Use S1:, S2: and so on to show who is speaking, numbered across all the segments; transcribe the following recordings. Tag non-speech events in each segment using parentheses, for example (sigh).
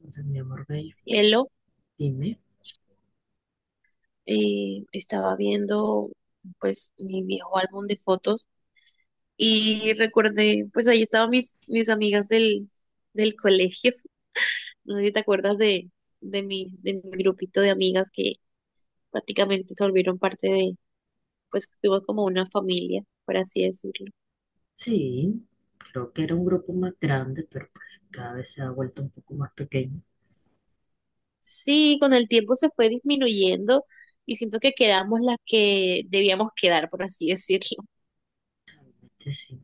S1: Entonces, mi amor bello,
S2: Cielo,
S1: dime,
S2: estaba viendo pues mi viejo álbum de fotos y recordé, pues ahí estaban mis amigas del colegio. (laughs) No sé si te acuerdas de mi grupito de amigas que prácticamente se volvieron parte de, pues fuimos como una familia, por así decirlo.
S1: sí, creo que era un grupo más grande, pero pues cada vez se ha vuelto un poco más pequeño.
S2: Sí, con el tiempo se fue disminuyendo y siento que quedamos las que debíamos quedar, por así (laughs) decirlo.
S1: Entonces, sí,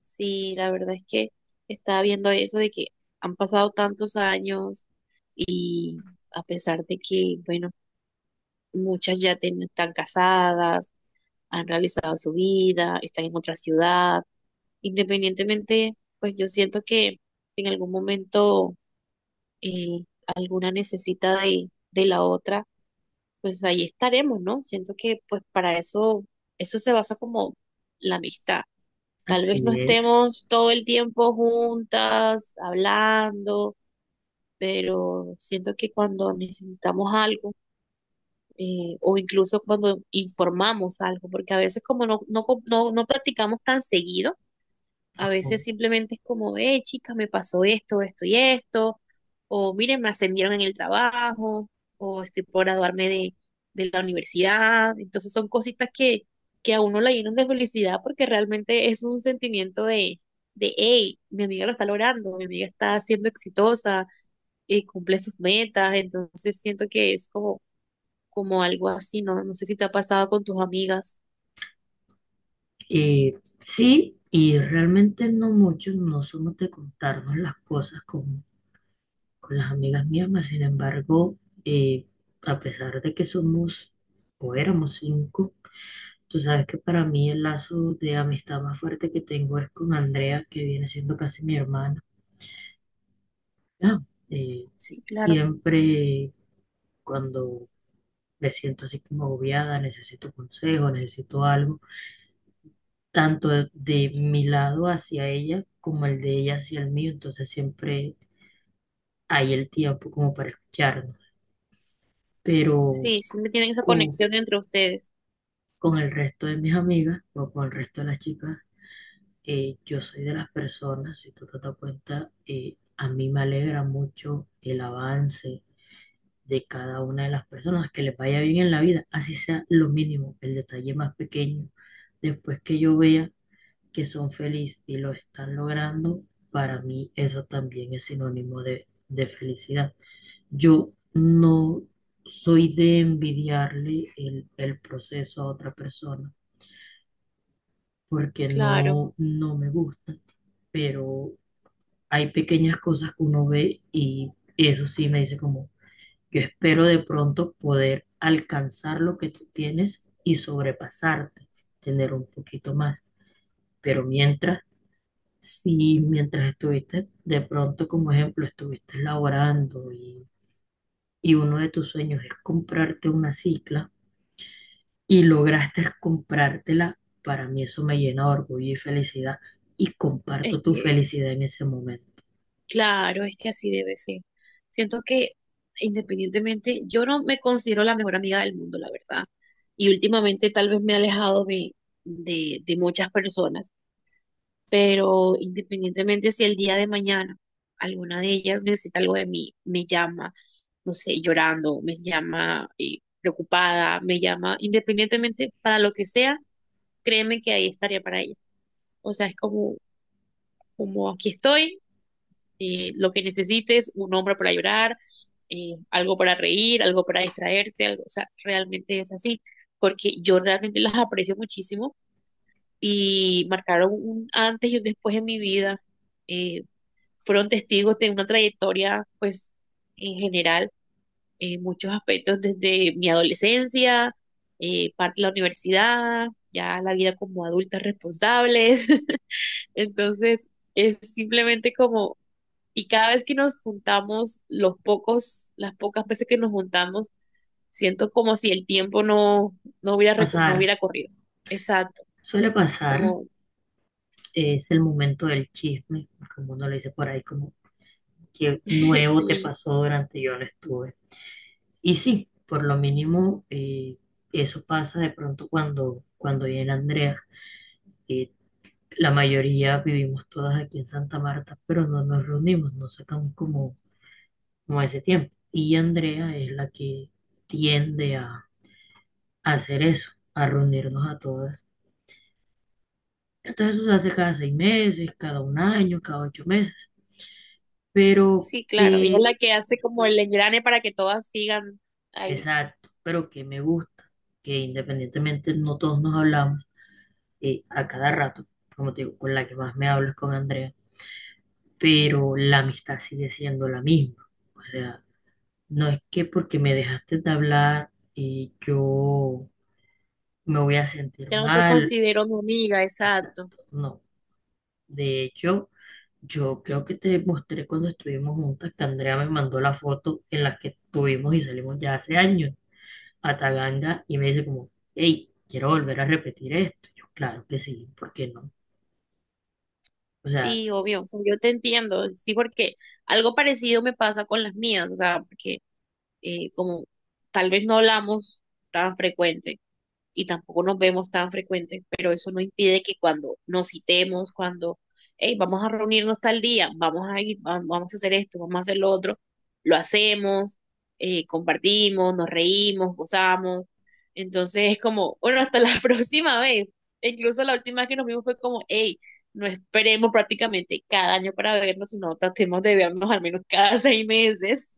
S2: Sí, la verdad es que estaba viendo eso de que han pasado tantos años y a pesar de que, bueno, muchas ya están casadas, han realizado su vida, están en otra ciudad, independientemente, pues yo siento que en algún momento eh, alguna necesita de la otra, pues ahí estaremos, ¿no? Siento que pues para eso, eso se basa como la amistad. Tal vez no
S1: así es.
S2: estemos todo el tiempo juntas, hablando, pero siento que cuando necesitamos algo, o incluso cuando informamos algo, porque a veces como no practicamos tan seguido. A
S1: Ojo.
S2: veces simplemente es como, chica, me pasó esto, esto y esto, o miren, me ascendieron en el trabajo, o estoy por graduarme de la universidad. Entonces son cositas que a uno la llenan de felicidad porque realmente es un sentimiento de, hey, mi amiga lo está logrando, mi amiga está siendo exitosa, cumple sus metas, entonces siento que es como, como algo así, ¿no? No sé si te ha pasado con tus amigas.
S1: Eh, sí, y realmente no muchos no somos de contarnos las cosas con las amigas mismas. Sin embargo, eh, a pesar de que somos o éramos cinco, tú sabes que para mí el lazo de amistad más fuerte que tengo es con Andrea, que viene siendo casi mi hermana. Ya, eh,
S2: Sí, claro.
S1: siempre cuando me siento así como agobiada, necesito consejo, necesito algo, tanto de mi lado hacia ella como el de ella hacia el mío, entonces siempre hay el tiempo como para escucharnos. Pero
S2: Sí, siempre tienen esa
S1: co-
S2: conexión entre ustedes.
S1: con, el resto de mis amigas o con el resto de las chicas, yo soy de las personas, si tú te das cuenta, a mí me alegra mucho el avance de cada una de las personas, que les vaya bien en la vida, así sea lo mínimo, el detalle más pequeño. Después que yo vea que son felices y lo están logrando, para mí eso también es sinónimo de, felicidad. Yo no soy de envidiarle el proceso a otra persona porque
S2: Claro.
S1: no, no me gusta, pero hay pequeñas cosas que uno ve y eso sí me dice como: yo espero de pronto poder alcanzar lo que tú tienes y sobrepasarte, tener un poquito más. Pero mientras, si mientras estuviste, de pronto como ejemplo, estuviste laborando y uno de tus sueños es comprarte una cicla y lograste comprártela, para mí eso me llena de orgullo y felicidad y
S2: Es
S1: comparto tu
S2: que,
S1: felicidad en ese momento.
S2: claro, es que así debe ser. Siento que independientemente, yo no me considero la mejor amiga del mundo, la verdad. Y últimamente tal vez me he alejado de muchas personas, pero independientemente, si el día de mañana alguna de ellas necesita algo de mí, me llama, no sé, llorando, me llama preocupada, me llama, independientemente para lo que sea, créeme que ahí estaría para ella. O sea, es como, como aquí estoy, lo que necesites, un hombre para llorar, algo para reír, algo para distraerte, algo, o sea, realmente es así, porque yo realmente las aprecio muchísimo y marcaron un antes y un después en mi vida. eh, Fueron testigos de una trayectoria, pues, en general, en muchos aspectos, desde mi adolescencia, parte de la universidad, ya la vida como adultas responsables. (laughs) Entonces... Es simplemente como, y cada vez que nos juntamos, los pocos, las pocas veces que nos juntamos, siento como si el tiempo no, no hubiera, no
S1: Pasar,
S2: hubiera corrido. Exacto,
S1: Suele pasar,
S2: como,
S1: es el momento del chisme, como uno le dice por ahí, como qué
S2: (laughs)
S1: nuevo te
S2: sí,
S1: pasó durante yo no estuve. Y sí, por lo mínimo, eso pasa de pronto cuando, viene Andrea. Eh, la mayoría vivimos todas aquí en Santa Marta, pero no nos reunimos, no sacamos como, ese tiempo. Y Andrea es la que tiende a hacer eso, a reunirnos a todas. Entonces eso se hace cada 6 meses, cada un año, cada 8 meses. Pero,
S2: sí, claro. Y es
S1: que...
S2: la que hace como el engrane para que todas sigan ahí.
S1: Exacto, pero que me gusta que independientemente no todos nos hablamos a cada rato, como te digo, con la que más me hablo es con Andrea, pero la amistad sigue siendo la misma. O sea, no es que porque me dejaste de hablar yo me voy a sentir
S2: Ya no te
S1: mal,
S2: considero mi amiga, exacto.
S1: exacto, no. De hecho, yo creo que te mostré cuando estuvimos juntas que Andrea me mandó la foto en la que estuvimos y salimos ya hace años. A Taganda y me dice como, hey, quiero volver a repetir esto. Yo, claro que sí, ¿por qué no? O sea,
S2: Sí, obvio, o sea, yo te entiendo, sí, porque algo parecido me pasa con las mías, o sea, porque como tal vez no hablamos tan frecuente y tampoco nos vemos tan frecuentes, pero eso no impide que cuando nos citemos, cuando, hey, vamos a reunirnos tal día, vamos a ir, vamos a hacer esto, vamos a hacer lo otro, lo hacemos, compartimos, nos reímos, gozamos. Entonces es como, bueno, hasta la (laughs) próxima vez. E incluso la última vez que nos vimos fue como, hey, no esperemos prácticamente cada año para vernos, sino tratemos de vernos al menos cada (laughs) seis meses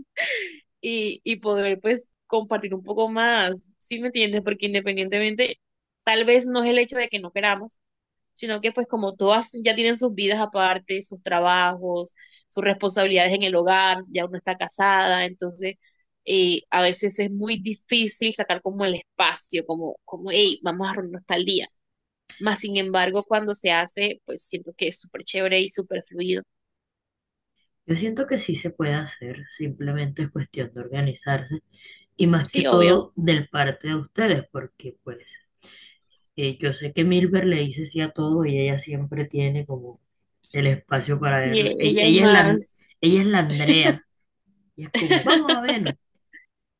S2: y poder pues compartir un poco más, ¿sí me entiendes? Porque independientemente, tal vez no es el hecho de que no queramos, sino que pues como todas ya tienen sus vidas aparte, sus trabajos, sus responsabilidades en el hogar, ya uno está casada, entonces a veces es muy difícil sacar como el espacio, como, como, hey, vamos a reunirnos tal día. Más sin embargo, cuando se hace, pues siento que es súper chévere y súper fluido.
S1: yo siento que sí se puede hacer, simplemente es cuestión de organizarse y más que
S2: Sí, obvio.
S1: todo del parte de ustedes, porque pues yo sé que Milber le dice sí a todo y ella siempre tiene como el espacio para
S2: Sí,
S1: verla.
S2: e- ella es
S1: Ella es la,
S2: más.
S1: ella es la Andrea y es como, vamos a
S2: (laughs)
S1: vernos,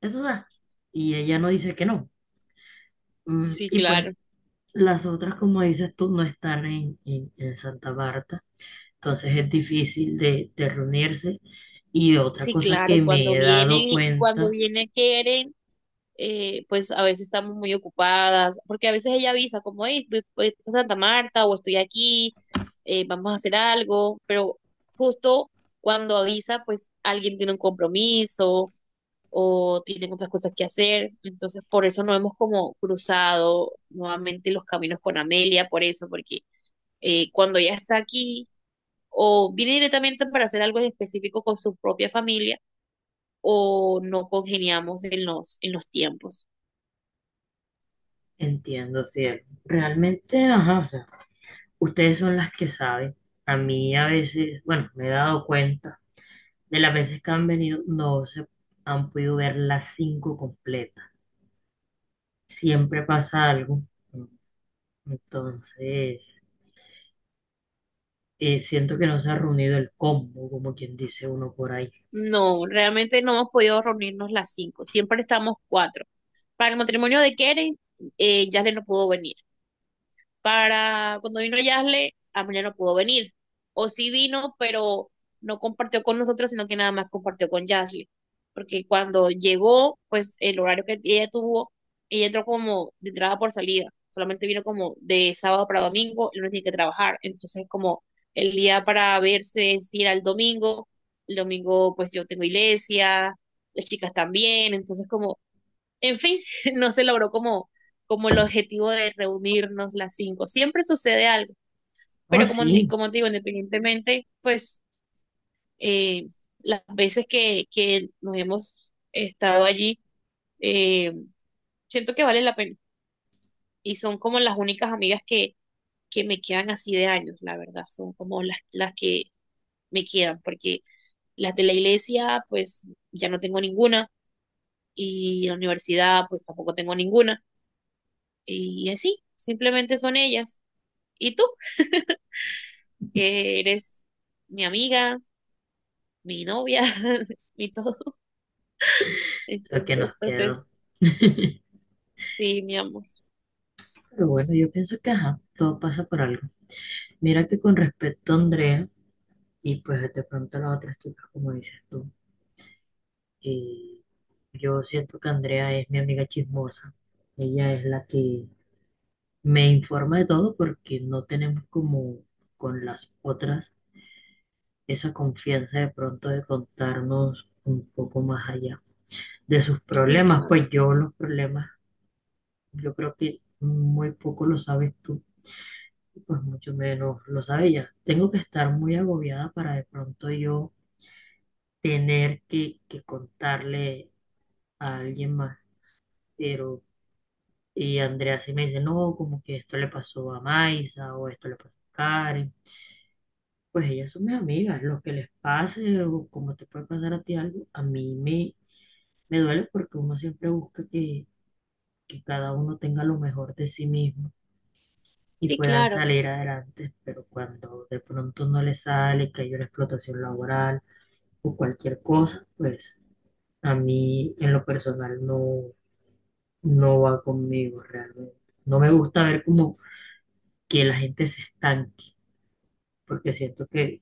S1: eso da. Y ella no dice que no.
S2: Sí,
S1: Y pues
S2: claro.
S1: las otras, como dices tú, no están en, en Santa Marta, entonces es difícil de, reunirse. Y otra
S2: Sí,
S1: cosa
S2: claro,
S1: que me he dado
S2: y cuando
S1: cuenta,
S2: vienen quieren, pues a veces estamos muy ocupadas, porque a veces ella avisa como, hey, voy, voy a Santa Marta o estoy aquí, vamos a hacer algo, pero justo cuando avisa, pues alguien tiene un compromiso o tienen otras cosas que hacer, entonces por eso no hemos como cruzado nuevamente los caminos con Amelia, por eso, porque cuando ella está aquí o viene directamente para hacer algo en específico con su propia familia, o no congeniamos en los tiempos.
S1: entiendo, si realmente, ajá, o sea, ustedes son las que saben. A mí a veces, bueno, me he dado cuenta de las veces que han venido, no se han podido ver las cinco completas. Siempre pasa algo. Entonces, siento que no se ha reunido el combo, como quien dice uno por ahí.
S2: No, realmente no hemos podido reunirnos las 5, siempre estamos 4. Para el matrimonio de Keren, Yasle no pudo venir. Para cuando vino Yasle, Amelia no pudo venir. O sí vino, pero no compartió con nosotros, sino que nada más compartió con Yasle. Porque cuando llegó, pues el horario que ella tuvo, ella entró como de entrada por salida. Solamente vino como de sábado para domingo, él no tiene que trabajar. Entonces, como el día para verse es ir al domingo. El domingo, pues yo tengo iglesia, las chicas también. Entonces, como en fin, (laughs) no se logró como, como el objetivo de reunirnos las cinco. Siempre sucede algo,
S1: Oh,
S2: pero como, ni-
S1: sí,
S2: como te digo, independientemente, pues eh, las veces que nos hemos estado allí, eh, siento que vale la pena. Y son como las únicas amigas que me quedan así de años, la verdad. Son como las que me quedan, porque las de la iglesia, pues ya no tengo ninguna, y la universidad, pues tampoco tengo ninguna. Y así, simplemente son ellas. Y tú, que eres mi amiga, mi novia, (laughs) mi todo.
S1: lo que
S2: Entonces,
S1: nos
S2: pues
S1: quedó.
S2: es,
S1: (laughs)
S2: sí, mi amor.
S1: Pero bueno, yo pienso que ajá, todo pasa por algo. Mira que con respecto a Andrea, y pues de pronto a las otras chicas, como dices tú, y yo siento que Andrea es mi amiga chismosa. Ella es la que me informa de todo porque no tenemos como con las otras esa confianza de pronto de contarnos un poco más allá de sus
S2: Sí,
S1: problemas.
S2: claro.
S1: Pues yo los problemas, yo creo que muy poco lo sabes tú, pues mucho menos lo sabe ella. Tengo que estar muy agobiada para de pronto yo tener que, contarle a alguien más. Pero, y Andrea sí me dice, no, como que esto le pasó a Maisa o esto le pasó a Karen. Pues ellas son mis amigas, lo que les pase o como te puede pasar a ti algo, a mí me, duele porque uno siempre busca que cada uno tenga lo mejor de sí mismo y
S2: Sí,
S1: puedan
S2: claro.
S1: salir adelante, pero cuando de pronto no les sale, que hay una explotación laboral, o cualquier cosa, pues a mí en lo personal no, no va conmigo realmente. No me gusta ver como que la gente se estanque, porque siento que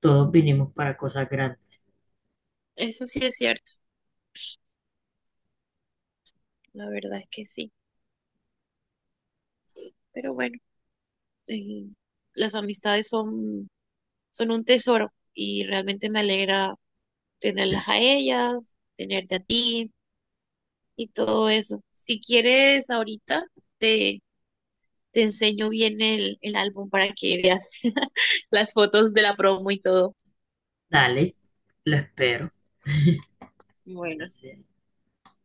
S1: todos vinimos para cosas grandes.
S2: Eso sí es cierto. La verdad es que sí. Pero bueno, eh, las amistades son, son un tesoro y realmente me alegra tenerlas a ellas, tenerte a ti y todo eso. Si quieres, ahorita te, te enseño bien el álbum para que veas (laughs) las fotos de la promo y todo.
S1: Dale, lo espero. Buenas
S2: Bueno,
S1: noches.